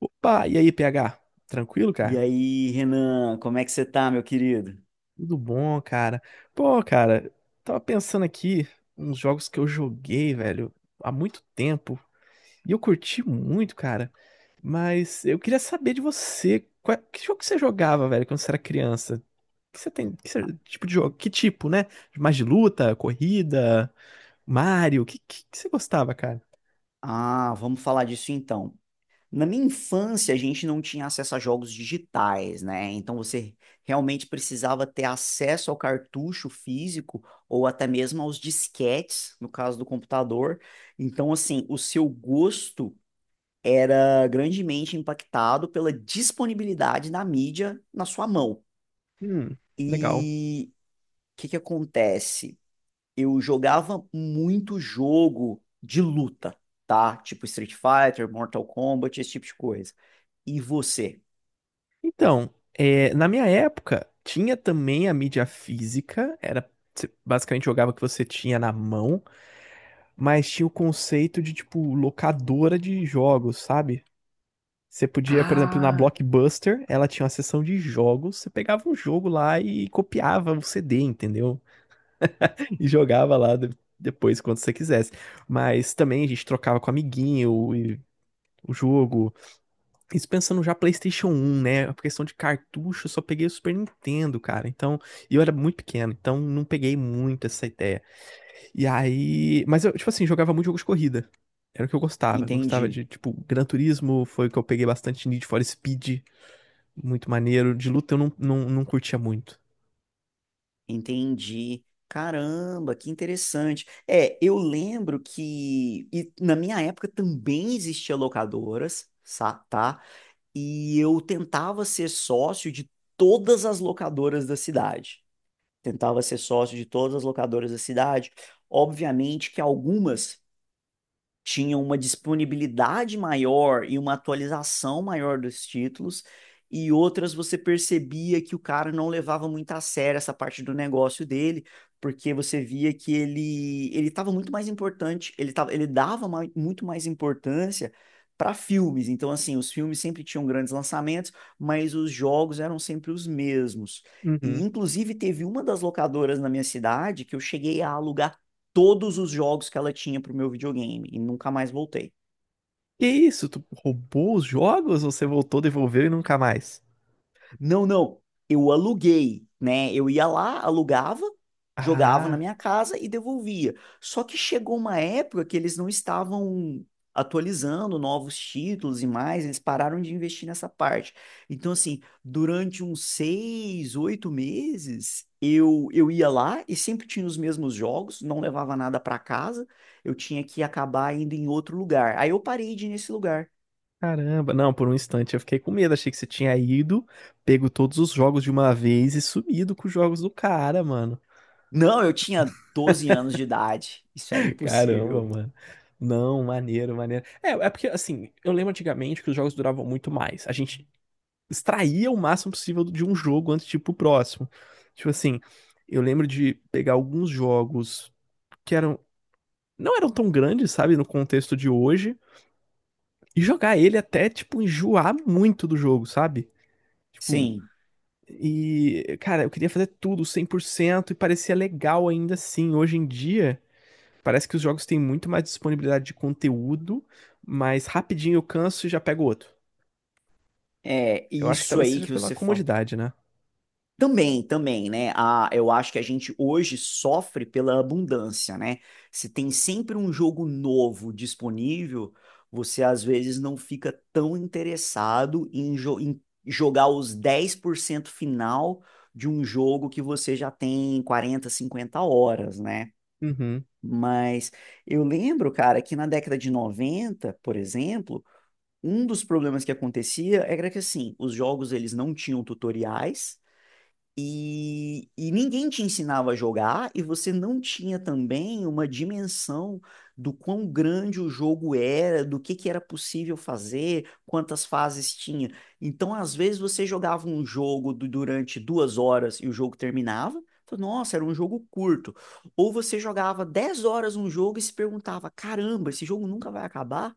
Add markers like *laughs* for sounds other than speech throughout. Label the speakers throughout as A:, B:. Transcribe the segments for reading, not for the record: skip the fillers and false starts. A: Opa, e aí, PH? Tranquilo,
B: E
A: cara?
B: aí, Renan, como é que você tá, meu querido?
A: Tudo bom, cara? Pô, cara, tava pensando aqui uns jogos que eu joguei, velho, há muito tempo. E eu curti muito, cara. Mas eu queria saber de você, qual- que jogo que você jogava, velho, quando você era criança? Que você tem, que você- tipo de jogo, que tipo, né? Mais de luta, corrida, Mario, que você gostava, cara?
B: Ah, vamos falar disso então. Na minha infância, a gente não tinha acesso a jogos digitais, né? Então você realmente precisava ter acesso ao cartucho físico ou até mesmo aos disquetes, no caso do computador. Então, assim, o seu gosto era grandemente impactado pela disponibilidade da mídia na sua mão.
A: Hum, legal.
B: E o que que acontece? Eu jogava muito jogo de luta, tá? Tipo Street Fighter, Mortal Kombat, esse tipo de coisa. E você?
A: Então, é, na minha época, tinha também a mídia física, era você basicamente jogava o que você tinha na mão, mas tinha o conceito de, tipo, locadora de jogos, sabe? Você podia, por exemplo, na
B: Ah,
A: Blockbuster, ela tinha uma seção de jogos, você pegava um jogo lá e copiava o CD, entendeu? *laughs* E jogava lá depois, quando você quisesse. Mas também a gente trocava com amiguinho e o jogo. Isso pensando já PlayStation um, né? A questão de cartucho, eu só peguei o Super Nintendo, cara. Então, e eu era muito pequeno, então não peguei muito essa ideia. E aí, mas eu, tipo assim, jogava muito jogo de corrida. Era o que eu gostava. Gostava
B: entendi,
A: de, tipo, Gran Turismo, foi o que eu peguei bastante. Need for Speed, muito maneiro. De luta eu não curtia muito.
B: entendi. Caramba, que interessante. É, eu lembro que e na minha época também existia locadoras, tá? E eu tentava ser sócio de todas as locadoras da cidade. Tentava ser sócio de todas as locadoras da cidade. Obviamente que algumas tinha uma disponibilidade maior e uma atualização maior dos títulos, e outras você percebia que o cara não levava muito a sério essa parte do negócio dele, porque você via que ele estava muito mais importante, ele tava, ele dava muito mais importância para filmes. Então, assim, os filmes sempre tinham grandes lançamentos, mas os jogos eram sempre os mesmos. E,
A: Uhum.
B: inclusive, teve uma das locadoras na minha cidade que eu cheguei a alugar todos os jogos que ela tinha pro meu videogame e nunca mais voltei.
A: Que isso? Tu roubou os jogos ou você voltou, devolveu e nunca mais?
B: Não, não, eu aluguei, né? Eu ia lá, alugava, jogava na
A: Ah.
B: minha casa e devolvia. Só que chegou uma época que eles não estavam atualizando novos títulos e mais, eles pararam de investir nessa parte. Então, assim, durante uns seis, oito meses, eu ia lá e sempre tinha os mesmos jogos, não levava nada para casa, eu tinha que acabar indo em outro lugar. Aí eu parei de ir nesse lugar.
A: Caramba, não, por um instante eu fiquei com medo, achei que você tinha ido, pego todos os jogos de uma vez e sumido com os jogos do cara, mano.
B: Não, eu tinha 12 anos de idade. Isso era
A: *laughs* Caramba,
B: impossível.
A: mano. Não, maneiro, maneiro. É, é porque assim, eu lembro antigamente que os jogos duravam muito mais. A gente extraía o máximo possível de um jogo antes de ir pro próximo. Tipo assim, eu lembro de pegar alguns jogos que eram não eram tão grandes, sabe, no contexto de hoje, e jogar ele até tipo enjoar muito do jogo, sabe? Tipo,
B: Sim,
A: e, cara, eu queria fazer tudo 100% e parecia legal ainda assim. Hoje em dia, parece que os jogos têm muito mais disponibilidade de conteúdo, mas rapidinho eu canso e já pego outro.
B: é
A: Eu acho que
B: isso
A: talvez
B: aí
A: seja
B: que
A: pela
B: você falou.
A: comodidade, né?
B: Também, também, né? Ah, eu acho que a gente hoje sofre pela abundância, né? Se tem sempre um jogo novo disponível, você às vezes não fica tão interessado em jogar os 10% final de um jogo que você já tem 40, 50 horas, né?
A: Uhum.
B: Mas eu lembro, cara, que na década de 90, por exemplo, um dos problemas que acontecia era que assim, os jogos eles não tinham tutoriais, e ninguém te ensinava a jogar, e você não tinha também uma dimensão do quão grande o jogo era, do que era possível fazer, quantas fases tinha. Então, às vezes, você jogava um jogo durante 2 horas e o jogo terminava. Então, nossa, era um jogo curto. Ou você jogava 10 horas um jogo e se perguntava: caramba, esse jogo nunca vai acabar?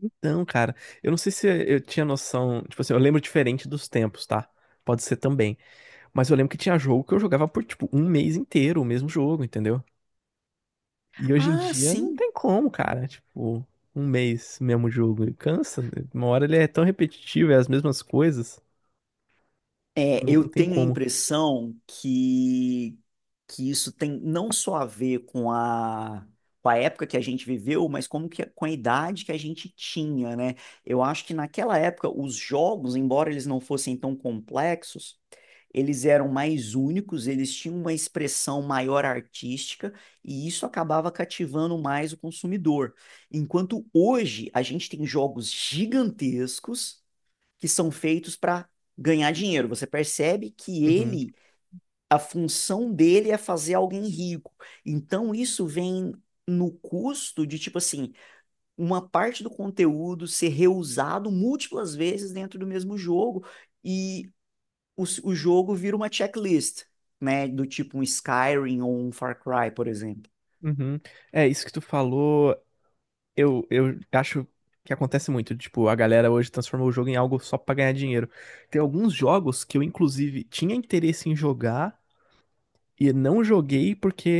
A: Então, cara, eu não sei se eu tinha noção. Tipo assim, eu lembro diferente dos tempos, tá? Pode ser também. Mas eu lembro que tinha jogo que eu jogava por, tipo, um mês inteiro, o mesmo jogo, entendeu? E hoje em
B: Ah,
A: dia não
B: sim.
A: tem como, cara. Tipo, um mês mesmo jogo cansa, né? Uma hora ele é tão repetitivo, é as mesmas coisas.
B: É,
A: Não,
B: eu
A: não tem
B: tenho a
A: como.
B: impressão que isso tem não só a ver com com a época que a gente viveu, mas com a idade que a gente tinha, né? Eu acho que naquela época os jogos, embora eles não fossem tão complexos, eles eram mais únicos, eles tinham uma expressão maior artística e isso acabava cativando mais o consumidor. Enquanto hoje a gente tem jogos gigantescos que são feitos para ganhar dinheiro. Você percebe que
A: Uhum,
B: a função dele é fazer alguém rico. Então isso vem no custo de, tipo assim, uma parte do conteúdo ser reusado múltiplas vezes dentro do mesmo jogo e o jogo vira uma checklist, né? Do tipo um Skyrim ou um Far Cry, por exemplo.
A: uhum. É, isso que tu falou, eu acho que acontece muito. Tipo, a galera hoje transformou o jogo em algo só pra ganhar dinheiro. Tem alguns jogos que eu, inclusive, tinha interesse em jogar e não joguei porque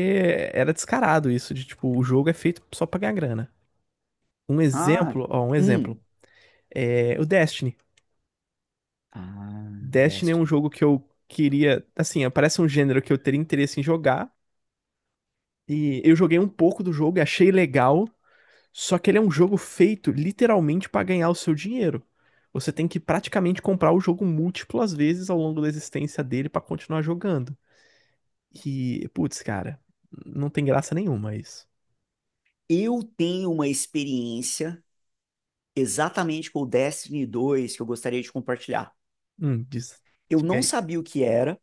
A: era descarado isso, de tipo, o jogo é feito só pra ganhar grana. Um
B: Ah,
A: exemplo, ó, um exemplo.
B: um.
A: É o Destiny.
B: Ah,
A: Destiny é um
B: Destiny.
A: jogo que eu queria, assim, parece um gênero que eu teria interesse em jogar. E eu joguei um pouco do jogo e achei legal, só que ele é um jogo feito literalmente pra ganhar o seu dinheiro. Você tem que praticamente comprar o jogo múltiplas vezes ao longo da existência dele pra continuar jogando. E, putz, cara, não tem graça nenhuma isso.
B: Eu tenho uma experiência exatamente com o Destiny dois que eu gostaria de compartilhar.
A: Diz,
B: Eu
A: diga
B: não
A: aí.
B: sabia o que era,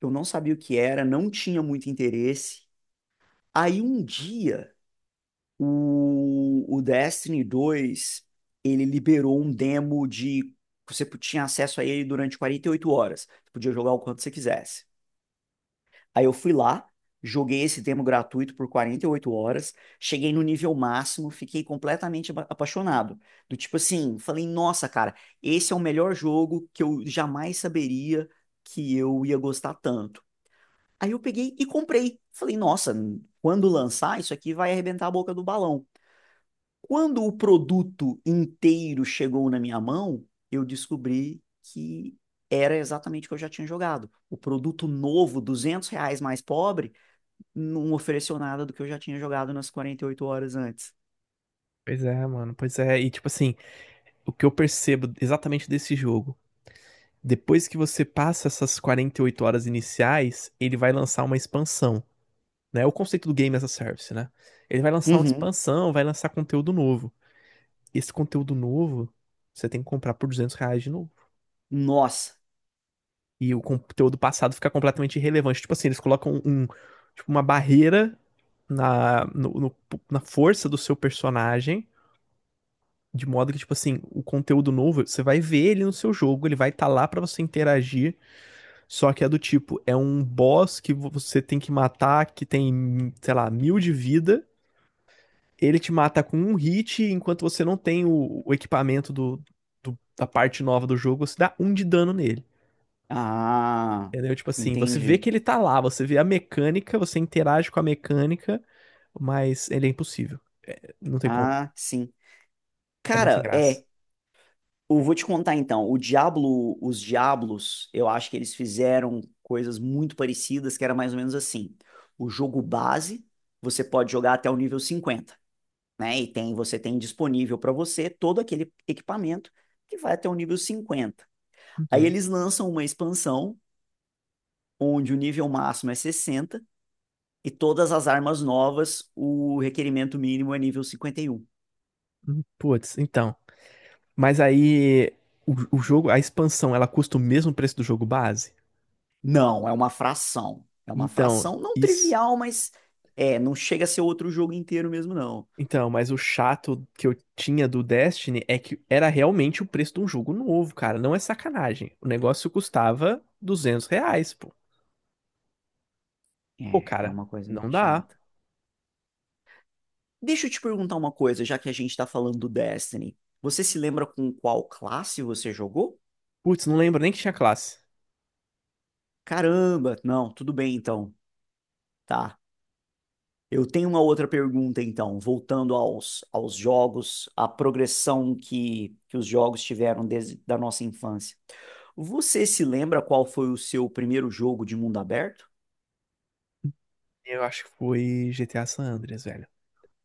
B: eu não sabia o que era, não tinha muito interesse. Aí um dia, o Destiny dois ele liberou um demo. Você tinha acesso a ele durante 48 horas. Você podia jogar o quanto você quisesse. Aí eu fui lá, joguei esse demo gratuito por 48 horas, cheguei no nível máximo, fiquei completamente apaixonado. Do tipo assim, falei, nossa, cara, esse é o melhor jogo que eu jamais saberia que eu ia gostar tanto. Aí eu peguei e comprei. Falei, nossa, quando lançar, isso aqui vai arrebentar a boca do balão. Quando o produto inteiro chegou na minha mão, eu descobri que era exatamente o que eu já tinha jogado. O produto novo, R$ 200 mais pobre, não ofereceu nada do que eu já tinha jogado nas 48 horas antes.
A: Pois é, mano, pois é. E tipo assim, o que eu percebo exatamente desse jogo, depois que você passa essas 48 horas iniciais, ele vai lançar uma expansão, né? É o conceito do Game as a Service, né? Ele vai lançar uma
B: Uhum.
A: expansão, vai lançar conteúdo novo. Esse conteúdo novo, você tem que comprar por R$ 200 de novo.
B: Nossa.
A: E o conteúdo passado fica completamente irrelevante. Tipo assim, eles colocam um, tipo, uma barreira na, no- no- na força do seu personagem, de modo que, tipo assim, o conteúdo novo, você vai ver ele no seu jogo, ele vai estar lá pra você interagir. Só que é do tipo, é um boss que você tem que matar, que tem, sei lá, mil de vida. Ele te mata com um hit, enquanto você não tem o equipamento da parte nova do jogo, você dá um de dano nele.
B: Ah,
A: Entendeu? Tipo assim, você vê
B: entendi.
A: que ele tá lá, você vê a mecânica, você interage com a mecânica, mas ele é impossível. Não tem como.
B: Ah, sim.
A: É muito
B: Cara,
A: engraçado.
B: é, eu vou te contar então. O Diablo, os Diablos, eu acho que eles fizeram coisas muito parecidas, que era mais ou menos assim. O jogo base, você pode jogar até o nível 50, né? Você tem disponível para você todo aquele equipamento que vai até o nível 50. Aí
A: Uhum.
B: eles lançam uma expansão onde o nível máximo é 60 e todas as armas novas, o requerimento mínimo é nível 51.
A: Uhum. Putz, então. Mas aí, o jogo, a expansão, ela custa o mesmo preço do jogo base?
B: Não, é uma fração. É uma
A: Então,
B: fração não
A: isso.
B: trivial, mas é, não chega a ser outro jogo inteiro mesmo, não.
A: Então, mas o chato que eu tinha do Destiny é que era realmente o preço de um jogo novo, cara. Não é sacanagem. O negócio custava R$ 200, pô. Pô,
B: É
A: cara,
B: uma coisa
A: não
B: meio
A: dá.
B: chata. Deixa eu te perguntar uma coisa, já que a gente tá falando do Destiny. Você se lembra com qual classe você jogou?
A: Putz, não lembro nem que tinha classe.
B: Caramba, não, tudo bem então. Tá. Eu tenho uma outra pergunta, então, voltando aos jogos, à progressão que os jogos tiveram desde da nossa infância. Você se lembra qual foi o seu primeiro jogo de mundo aberto?
A: Eu acho que foi GTA San Andreas, velho.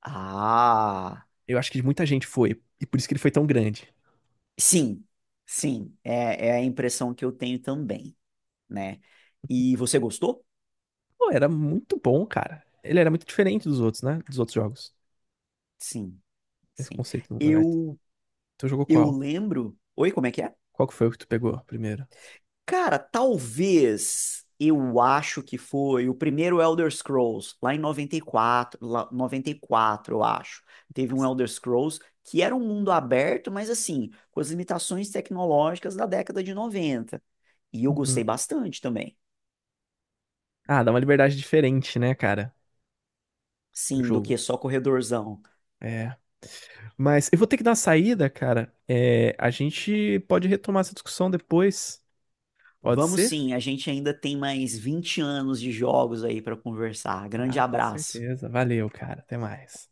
B: Ah,
A: Eu acho que muita gente foi, e por isso que ele foi tão grande.
B: sim, sim, é a impressão que eu tenho também, né? E você gostou?
A: Pô, era muito bom, cara. Ele era muito diferente dos outros, né? Dos outros jogos.
B: Sim,
A: Esse
B: sim.
A: conceito do mundo aberto.
B: Eu,
A: Tu jogou
B: eu
A: qual?
B: lembro. Oi, como é que é?
A: Qual que foi o que tu pegou primeiro?
B: Cara, talvez eu acho que foi o primeiro Elder Scrolls, lá em 94, lá, 94 eu acho. Teve um
A: Nossa.
B: Elder Scrolls que era um mundo aberto, mas assim, com as limitações tecnológicas da década de noventa. E eu gostei
A: Uhum.
B: bastante também.
A: Ah, dá uma liberdade diferente, né, cara? Pro
B: Sim, do
A: jogo.
B: que só corredorzão.
A: É. Mas eu vou ter que dar uma saída, cara. É, a gente pode retomar essa discussão depois. Pode
B: Vamos
A: ser?
B: sim, a gente ainda tem mais 20 anos de jogos aí para conversar. Grande
A: Ah, com
B: abraço.
A: certeza. Valeu, cara. Até mais.